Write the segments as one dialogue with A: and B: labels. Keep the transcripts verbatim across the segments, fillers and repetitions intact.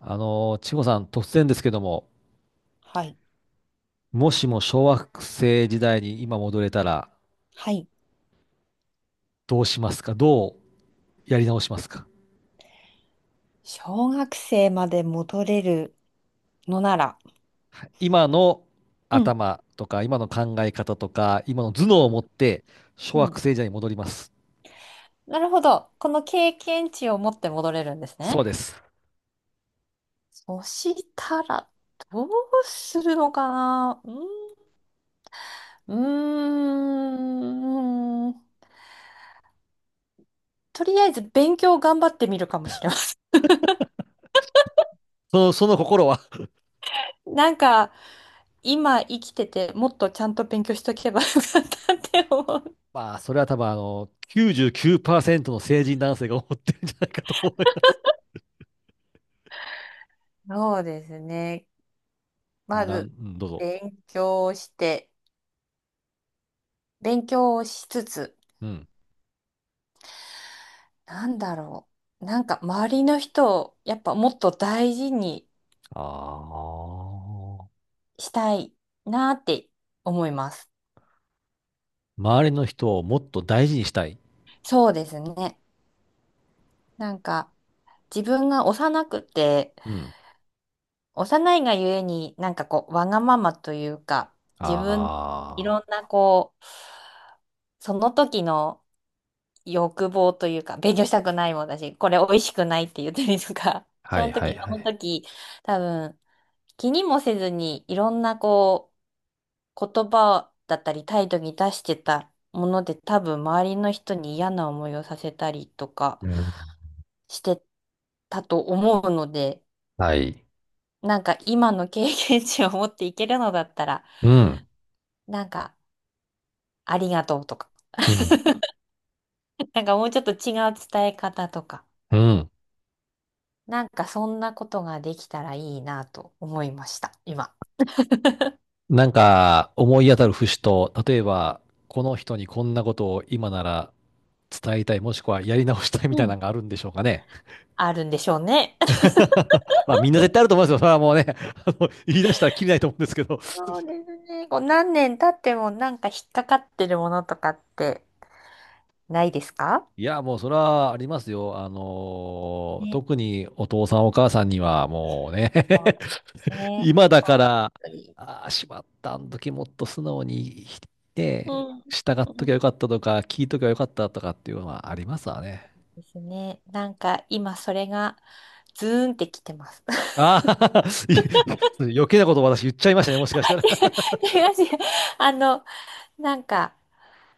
A: あの、千穂さん、突然ですけども、
B: はい。
A: もしも小学生時代に今戻れたら、
B: はい。
A: どうしますか。どうやり直しますか？
B: 小学生まで戻れるのなら。
A: 今の
B: うん。
A: 頭とか、今の考え方とか、今の頭
B: う
A: 脳
B: ん
A: を持って、小
B: う
A: 学
B: ん。
A: 生時代に戻ります。
B: なるほど。この経験値を持って戻れるんです
A: そ
B: ね。
A: うです。
B: そしたら、どうするのかな。うん。うーんとりあえず勉強頑張ってみるかもしれませ
A: その、その心は、
B: ん。なんか、今生きてて、もっとちゃんと勉強しとけばよかったって思う。
A: まあ、それは多分、あの、きゅうじゅうきゅうパーセントの成人男性が思ってるんじゃないかと思います。
B: そうですね。ま
A: なん、う
B: ず、
A: ん、どうぞ。
B: 勉強して、勉強をしつつ、
A: うん。
B: なんだろう。なんか周りの人をやっぱもっと大事に
A: ああ。
B: したいなって思います。
A: 周りの人をもっと大事にしたい。
B: そうですね。なんか自分が幼くて、
A: うん。
B: 幼いがゆえになんかこうわがままというか、自分い
A: あ
B: ろん
A: あ。
B: なこう、その時の欲望というか、勉強したくないもんだし、これ美味しくないって言ったりとか、そ
A: はい
B: の
A: はい
B: 時
A: は
B: その
A: い。
B: 時多分気にもせずにいろんなこう言葉だったり態度に出してたもので多分周りの人に嫌な思いをさせたりと
A: う
B: か
A: ん。
B: してたと思うので
A: はい。
B: なんか今の経験値を持っていけるのだったら
A: うん。
B: なんかありがとうとか
A: うん。
B: なんかもうちょっと違う伝え方とか
A: うん。
B: なんかそんなことができたらいいなと思いました今。
A: なんか、思い当たる節と、例えば、この人にこんなことを今なら伝えたい、もしくはやり直したいみたい
B: う
A: な
B: ん。
A: のがあるんでしょうかね。
B: あるんでしょうね。
A: まあ、みんな絶対あると思いますよ。それはもうね、あの、言い出したらきりないと思うんですけど。
B: そうですね。こう何年経ってもなんか引っかかってるものとかってないですか
A: いや、もうそれはありますよ。あのー
B: ね。
A: 特にお父さんお母さんにはもうね、
B: そうだね。
A: 今だから、ああ、しまった、あの時もっと素直に、
B: う
A: ね、
B: ん。
A: 従っと
B: う
A: き
B: ん、
A: ゃよかったとか、聞いときゃよかったとかっていうのはありますわね。
B: ですね。なんか今それがズーンってきてます。
A: ああ、い余計なことを私言っちゃいましたね、もしかしたら。
B: 違う違うあの、なんか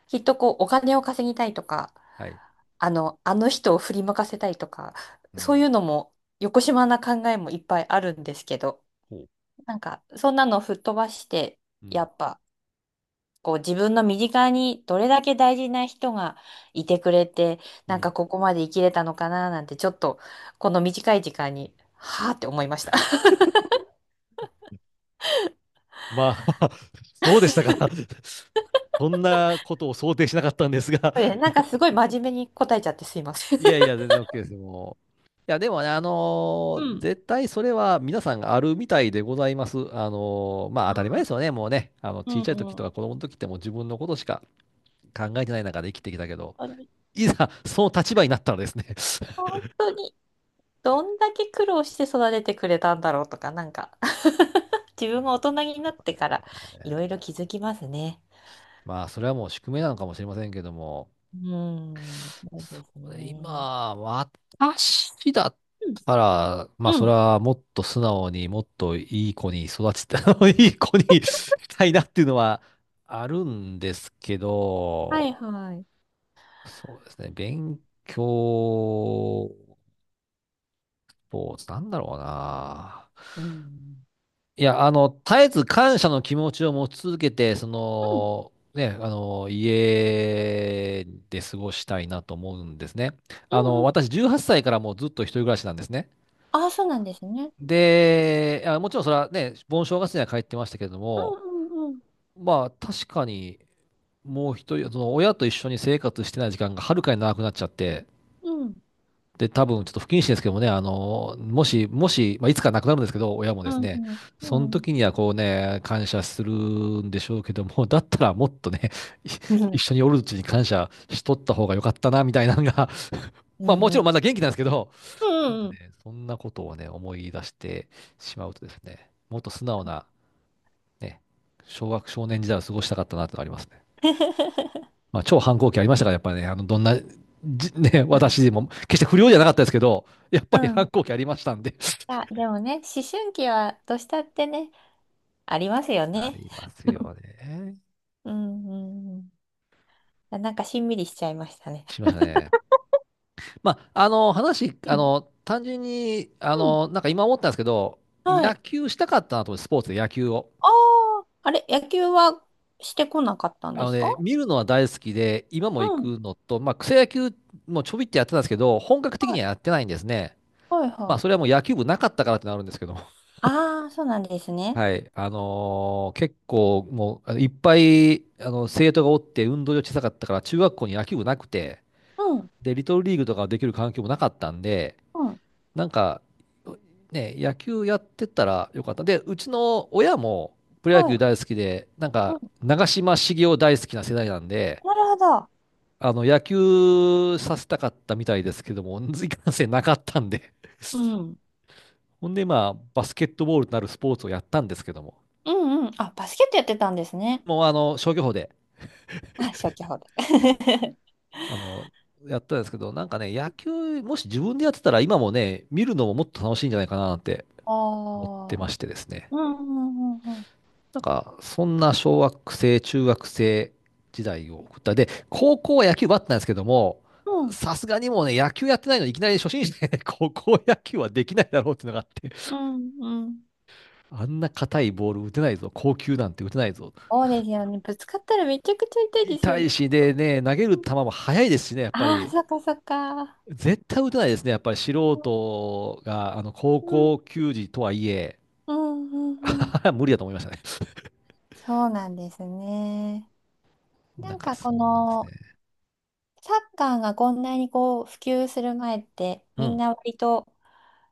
B: きっとこうお金を稼ぎたいとか、
A: はい。
B: あの、あの人を振りまかせたいとか、
A: う
B: そうい
A: ん。
B: うのも横島な考えもいっぱいあるんですけど、
A: ほう。
B: なんかそんなの吹っ飛ばして、
A: う
B: や
A: ん。
B: っぱこう自分の身近にどれだけ大事な人がいてくれて、
A: う
B: なんか
A: ん。
B: ここまで生きれたのかななんてちょっとこの短い時間に、はーって思いました。
A: まあ、そうでしたか。そんなことを想定しなかったんですが、
B: これねなんかすごい真面目に答えちゃってすいません。
A: いやい や、全然 OK ですよ、もう。いや、でもね、あの
B: う
A: ー
B: ん。
A: 絶対それは皆さんがあるみたいでございます。あのーまあ
B: あ
A: 当たり前ですよ
B: ー
A: ね、もうね。あの、
B: う
A: 小
B: ん
A: さい時
B: う
A: と
B: ん。
A: か子供の時ってもう自分のことしか考えてない中で生きてきたけど、
B: 本当に、
A: いざその立場になったらですね、
B: 本当にどんだけ苦労して育ててくれたんだろうとか、なんか 自分が大人になってからいろいろ気づきますね。
A: まあそれはもう宿命なのかもしれませんけども、
B: うん、そう
A: そ
B: です
A: うね、
B: ね。
A: 今、私だったら、まあ、
B: う
A: そ
B: んう
A: れ
B: ん。
A: はもっと素直に、もっといい子に育ちた、いい子にしたいなっていうのはあるんですけ
B: は
A: ど、
B: いはい。
A: そうですね、勉強と、なんだろうな。
B: うん。
A: いや、あの、絶えず感謝の気持ちを持ち続けて、そ
B: うん
A: の、ね、あの、家で過ごしたいなと思うんですね。
B: う
A: あ
B: ん
A: の、
B: うん。
A: 私、じゅうはっさいからもうずっと一人暮らしなんですね。
B: ああ、そうなんですね。
A: で、あ、もちろんそれはね、盆正月には帰ってましたけれど
B: う
A: も、
B: んうんうん。
A: まあ、確かに、もう一人、その、親と一緒に生活してない時間がはるかに長くなっちゃって、
B: うん。
A: で、多分ちょっと不謹慎ですけどもね、あの、もし、もし、まあ、いつか亡くなるんですけど、親も
B: う
A: です
B: ん
A: ね、
B: う
A: そ
B: ん
A: の
B: うん。
A: 時にはこうね、感謝するんでしょうけども、だったらもっとね、い
B: う
A: 一
B: ん。
A: 緒におるうちに感謝しとった方が良かったな、みたいなのが、
B: う
A: まあ
B: ん
A: も
B: う
A: ちろ
B: ん。
A: んまだ元気なんですけど、
B: う
A: なん
B: ん
A: か
B: うん。
A: ね、そんなことをね、思い出してしまうとですね、もっと素直な、ね、小学少年時代を過ごしたかったなってのがありますね。まあ、超反抗期ありましたから、やっぱりね、あの、どんな、じ ね、
B: うん。
A: 私でも、決して不良じゃなかったですけど、やっぱ
B: う
A: り反
B: ん、
A: 抗期ありましたんで。
B: あ、でもね、思春期はどうしたってね、ありますよ
A: あ
B: ね。
A: りますよね。
B: うんうんうん。あ、なんかしんみりしちゃいましたね。
A: しましたね。まあ、あの、話、
B: う
A: あ
B: ん。
A: の、単純に、あ
B: うん。
A: の、なんか今思ったんですけど、
B: は
A: 野
B: い。
A: 球したかったなと思って、スポーツで野球を。
B: ああ、あれ、野球はしてこなかったん
A: あ
B: で
A: の
B: すか？
A: ね、見るのは大好きで、今も行
B: う
A: く
B: ん。
A: のと、まあ、草野球もちょびってやってたんですけど、本格的
B: は
A: に
B: い。
A: はやってないんですね。
B: はい
A: まあ、
B: は
A: それはも
B: い。
A: う野球部なかったからってなるんですけど、
B: ああ、そうなんですね。
A: はい。あのー結構もう、あのいっぱい、あの、生徒がおって、運動場小さかったから、中学校に野球部なくて、
B: うん。
A: で、リトルリーグとかできる環境もなかったんで、
B: うん。
A: なんか、ね、野球やってたらよかった。で、うちの親もプロ野
B: は
A: 球
B: い。
A: 大好きで、なん
B: う
A: か、
B: ん。
A: 長嶋茂雄大好きな世代なんで、
B: なるほど。
A: あの、野球させたかったみたいですけども、いかんせんなかったんで。
B: うん。
A: ほんで、まあ、バスケットボールとなるスポーツをやったんですけども、
B: うんうん。あ、バスケットやってたんですね。
A: もう、あの、消去法で、
B: あ、消去法で。
A: あの、やったんですけど、なんかね、野球、もし自分でやってたら、今もね、見るのももっと楽しいんじゃないかなって
B: あ
A: 思ってま
B: あ。
A: してですね。
B: うんうんうんうん。
A: なんか、そんな小学生、中学生時代を送った。で、高校は野球部あったんですけども、
B: うん
A: さすがにもうね、野球やってないのにいきなり初心者でね、高校野球はできないだろうっていうのがあって、
B: うんうん。
A: あんな硬いボール打てないぞ、高級なんて打てないぞ。
B: そうですよね。ぶつかったらめちゃくちゃ痛いですよ
A: 痛い
B: ね。
A: しでね、投げる球も速いですしね、やっぱ
B: ああー、
A: り。
B: そっかそっか。
A: 絶対打てないですね。やっぱり素
B: う
A: 人が、あの、高校
B: ん
A: 球児とはいえ、
B: うんうんうん。
A: 無理だと思いましたね。
B: そうなんですね。な
A: なん
B: ん
A: か、
B: かこ
A: そんなんです
B: の
A: ね。
B: サッカーがこんなにこう普及する前って
A: う
B: みん
A: ん。
B: な割と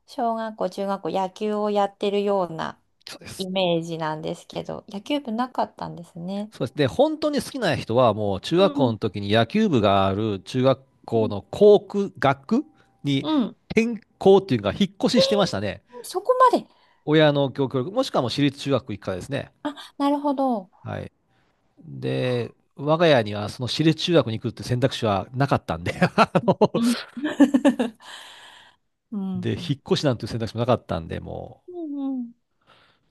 B: 小学校、中学校野球をやってるような
A: そうで
B: イ
A: す。
B: メージなんですけど、野球部なかったんですね。
A: そうです。で、本当に好きな人は、もう、中
B: う
A: 学校の
B: ん。
A: 時に野球部がある中学校の校区、学区に
B: うん。
A: 転校っていうか、引っ越ししてましたね。
B: そこまで。
A: 親の教育、もしくはもう私立中学行くからですね。
B: あ、なるほど。
A: はい。で、我が家にはその私立中学に行くって選択肢はなかったんで、あの
B: うん。う
A: で、引っ
B: ん。
A: 越しなんていう選択肢もなかったんで、も
B: うんうん。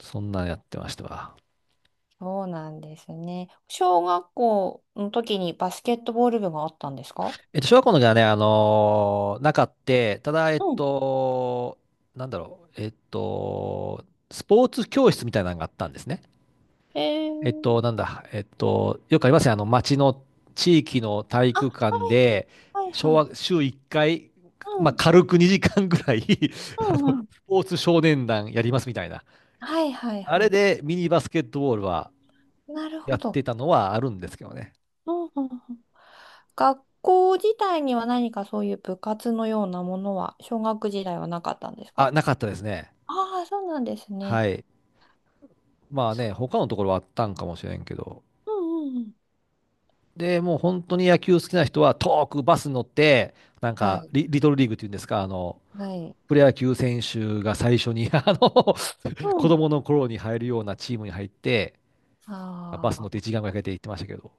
A: う、そんなんやってましたわ。
B: そうなんですね。小学校の時にバスケットボール部があったんですか？
A: えっと、小学校の時はね、あのーなかって、ただ、えっ
B: うん。
A: と、なんだろう、えっと、スポーツ教室みたいなのがあったんですね。
B: へ
A: えっと、な
B: え。
A: んだ、えっと、よくありますね、あの、町の地域の体
B: あ、は
A: 育館で、
B: いはい。はい
A: 小
B: はい。
A: 学、週いっかい、
B: う
A: まあ、
B: ん。
A: 軽くにじかんぐらい、 あの、
B: う
A: ス
B: ん、
A: ポーツ少年団やりますみたいな。
B: はいはい
A: あ
B: は
A: れ
B: い。
A: でミニバスケットボールは
B: なる
A: や
B: ほ
A: って
B: ど。
A: たのはあるんですけどね。
B: うんうんうん。学校自体には何かそういう部活のようなものは、小学時代はなかったんです
A: あ、
B: か？
A: なかったですね。
B: ああー、そうなんですね。
A: はい。まあ
B: そ
A: ね、他のところはあったんかもしれんけど。
B: う、んうんうん。
A: で、もう本当に野球好きな人は遠くバスに乗って、なん
B: は
A: か
B: い。
A: リ、リトルリーグっていうんですか、あの、
B: はい。
A: プロ野球選手が最初に、あの、
B: う
A: 子
B: ん。
A: 供の頃に入るようなチームに入って、バス乗
B: あ
A: って
B: あ。
A: いちじかんぐらいかけて行ってましたけど、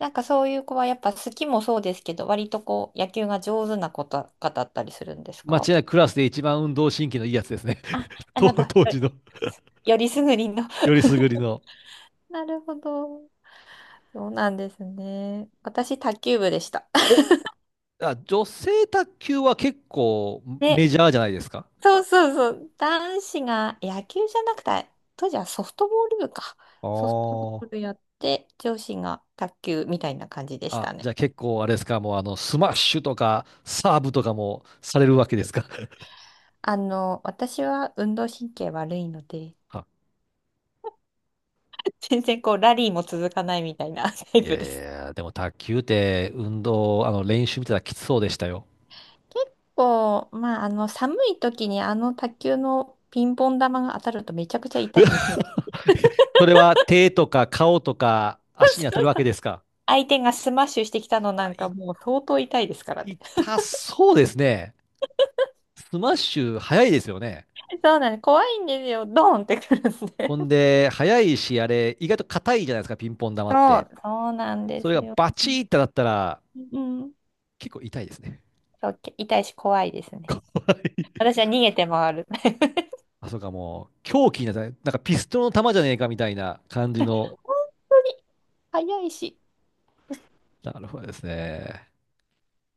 B: なんかそういう子はやっぱ好きもそうですけど、割とこう、野球が上手な子とかだったりするんです
A: 間違
B: か？
A: いなくクラスで一番運動神経のいいやつですね。
B: あ、
A: 当
B: なるほ
A: 当
B: ど。
A: 時の、
B: よりすぐりの。
A: より すぐりの。
B: なるほど。そうなんですね。私、卓球部でした。
A: お、あ、女性卓球は結構
B: ね、
A: メジャーじゃないですか。
B: そうそうそう。男子が野球じゃなくて、当時はソフトボール部か。
A: あ
B: ソフトボール
A: あ。
B: やって、女子が卓球みたいな感じでし
A: あ、
B: た
A: じ
B: ね。
A: ゃあ結構あれですか、もうあの、スマッシュとか、サーブとかもされるわけですか。
B: あの、私は運動神経悪いので、
A: あ、
B: 全然こうラリーも続かないみたいな タイ
A: いや
B: プで
A: いや
B: す。
A: いや、でも卓球って運動、あの、練習見てたらきつそうでしたよ。
B: 結構、まあ、あの、寒い時にあの卓球のピンポン玉が当たるとめちゃくちゃ痛いんです よ。
A: それは手とか顔とか足に当たるわ けですか。
B: 相手がスマッシュしてきたのな
A: あ、
B: んか
A: い、
B: もう相当痛いですからね。
A: 痛そうですね。スマッシュ早いですよね。
B: そうなんです。怖いんですよ。ドーンってくるん
A: ほ
B: で。
A: んで、早いし、あれ、意外と硬いじゃないですか、ピンポン玉っ
B: そ
A: て。
B: う、そうなんで
A: それ
B: す
A: が
B: よ。
A: バチーってなったら、
B: うん。
A: 結構痛いですね。
B: そう、痛いし怖いですね。
A: 怖い。
B: 私は逃げて回る。
A: あ、そうか、もう、狂気になったね。なんかピストルの弾じゃねえかみたいな感じの、
B: 本当に早いし。
A: なるほどですね。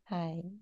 B: はい。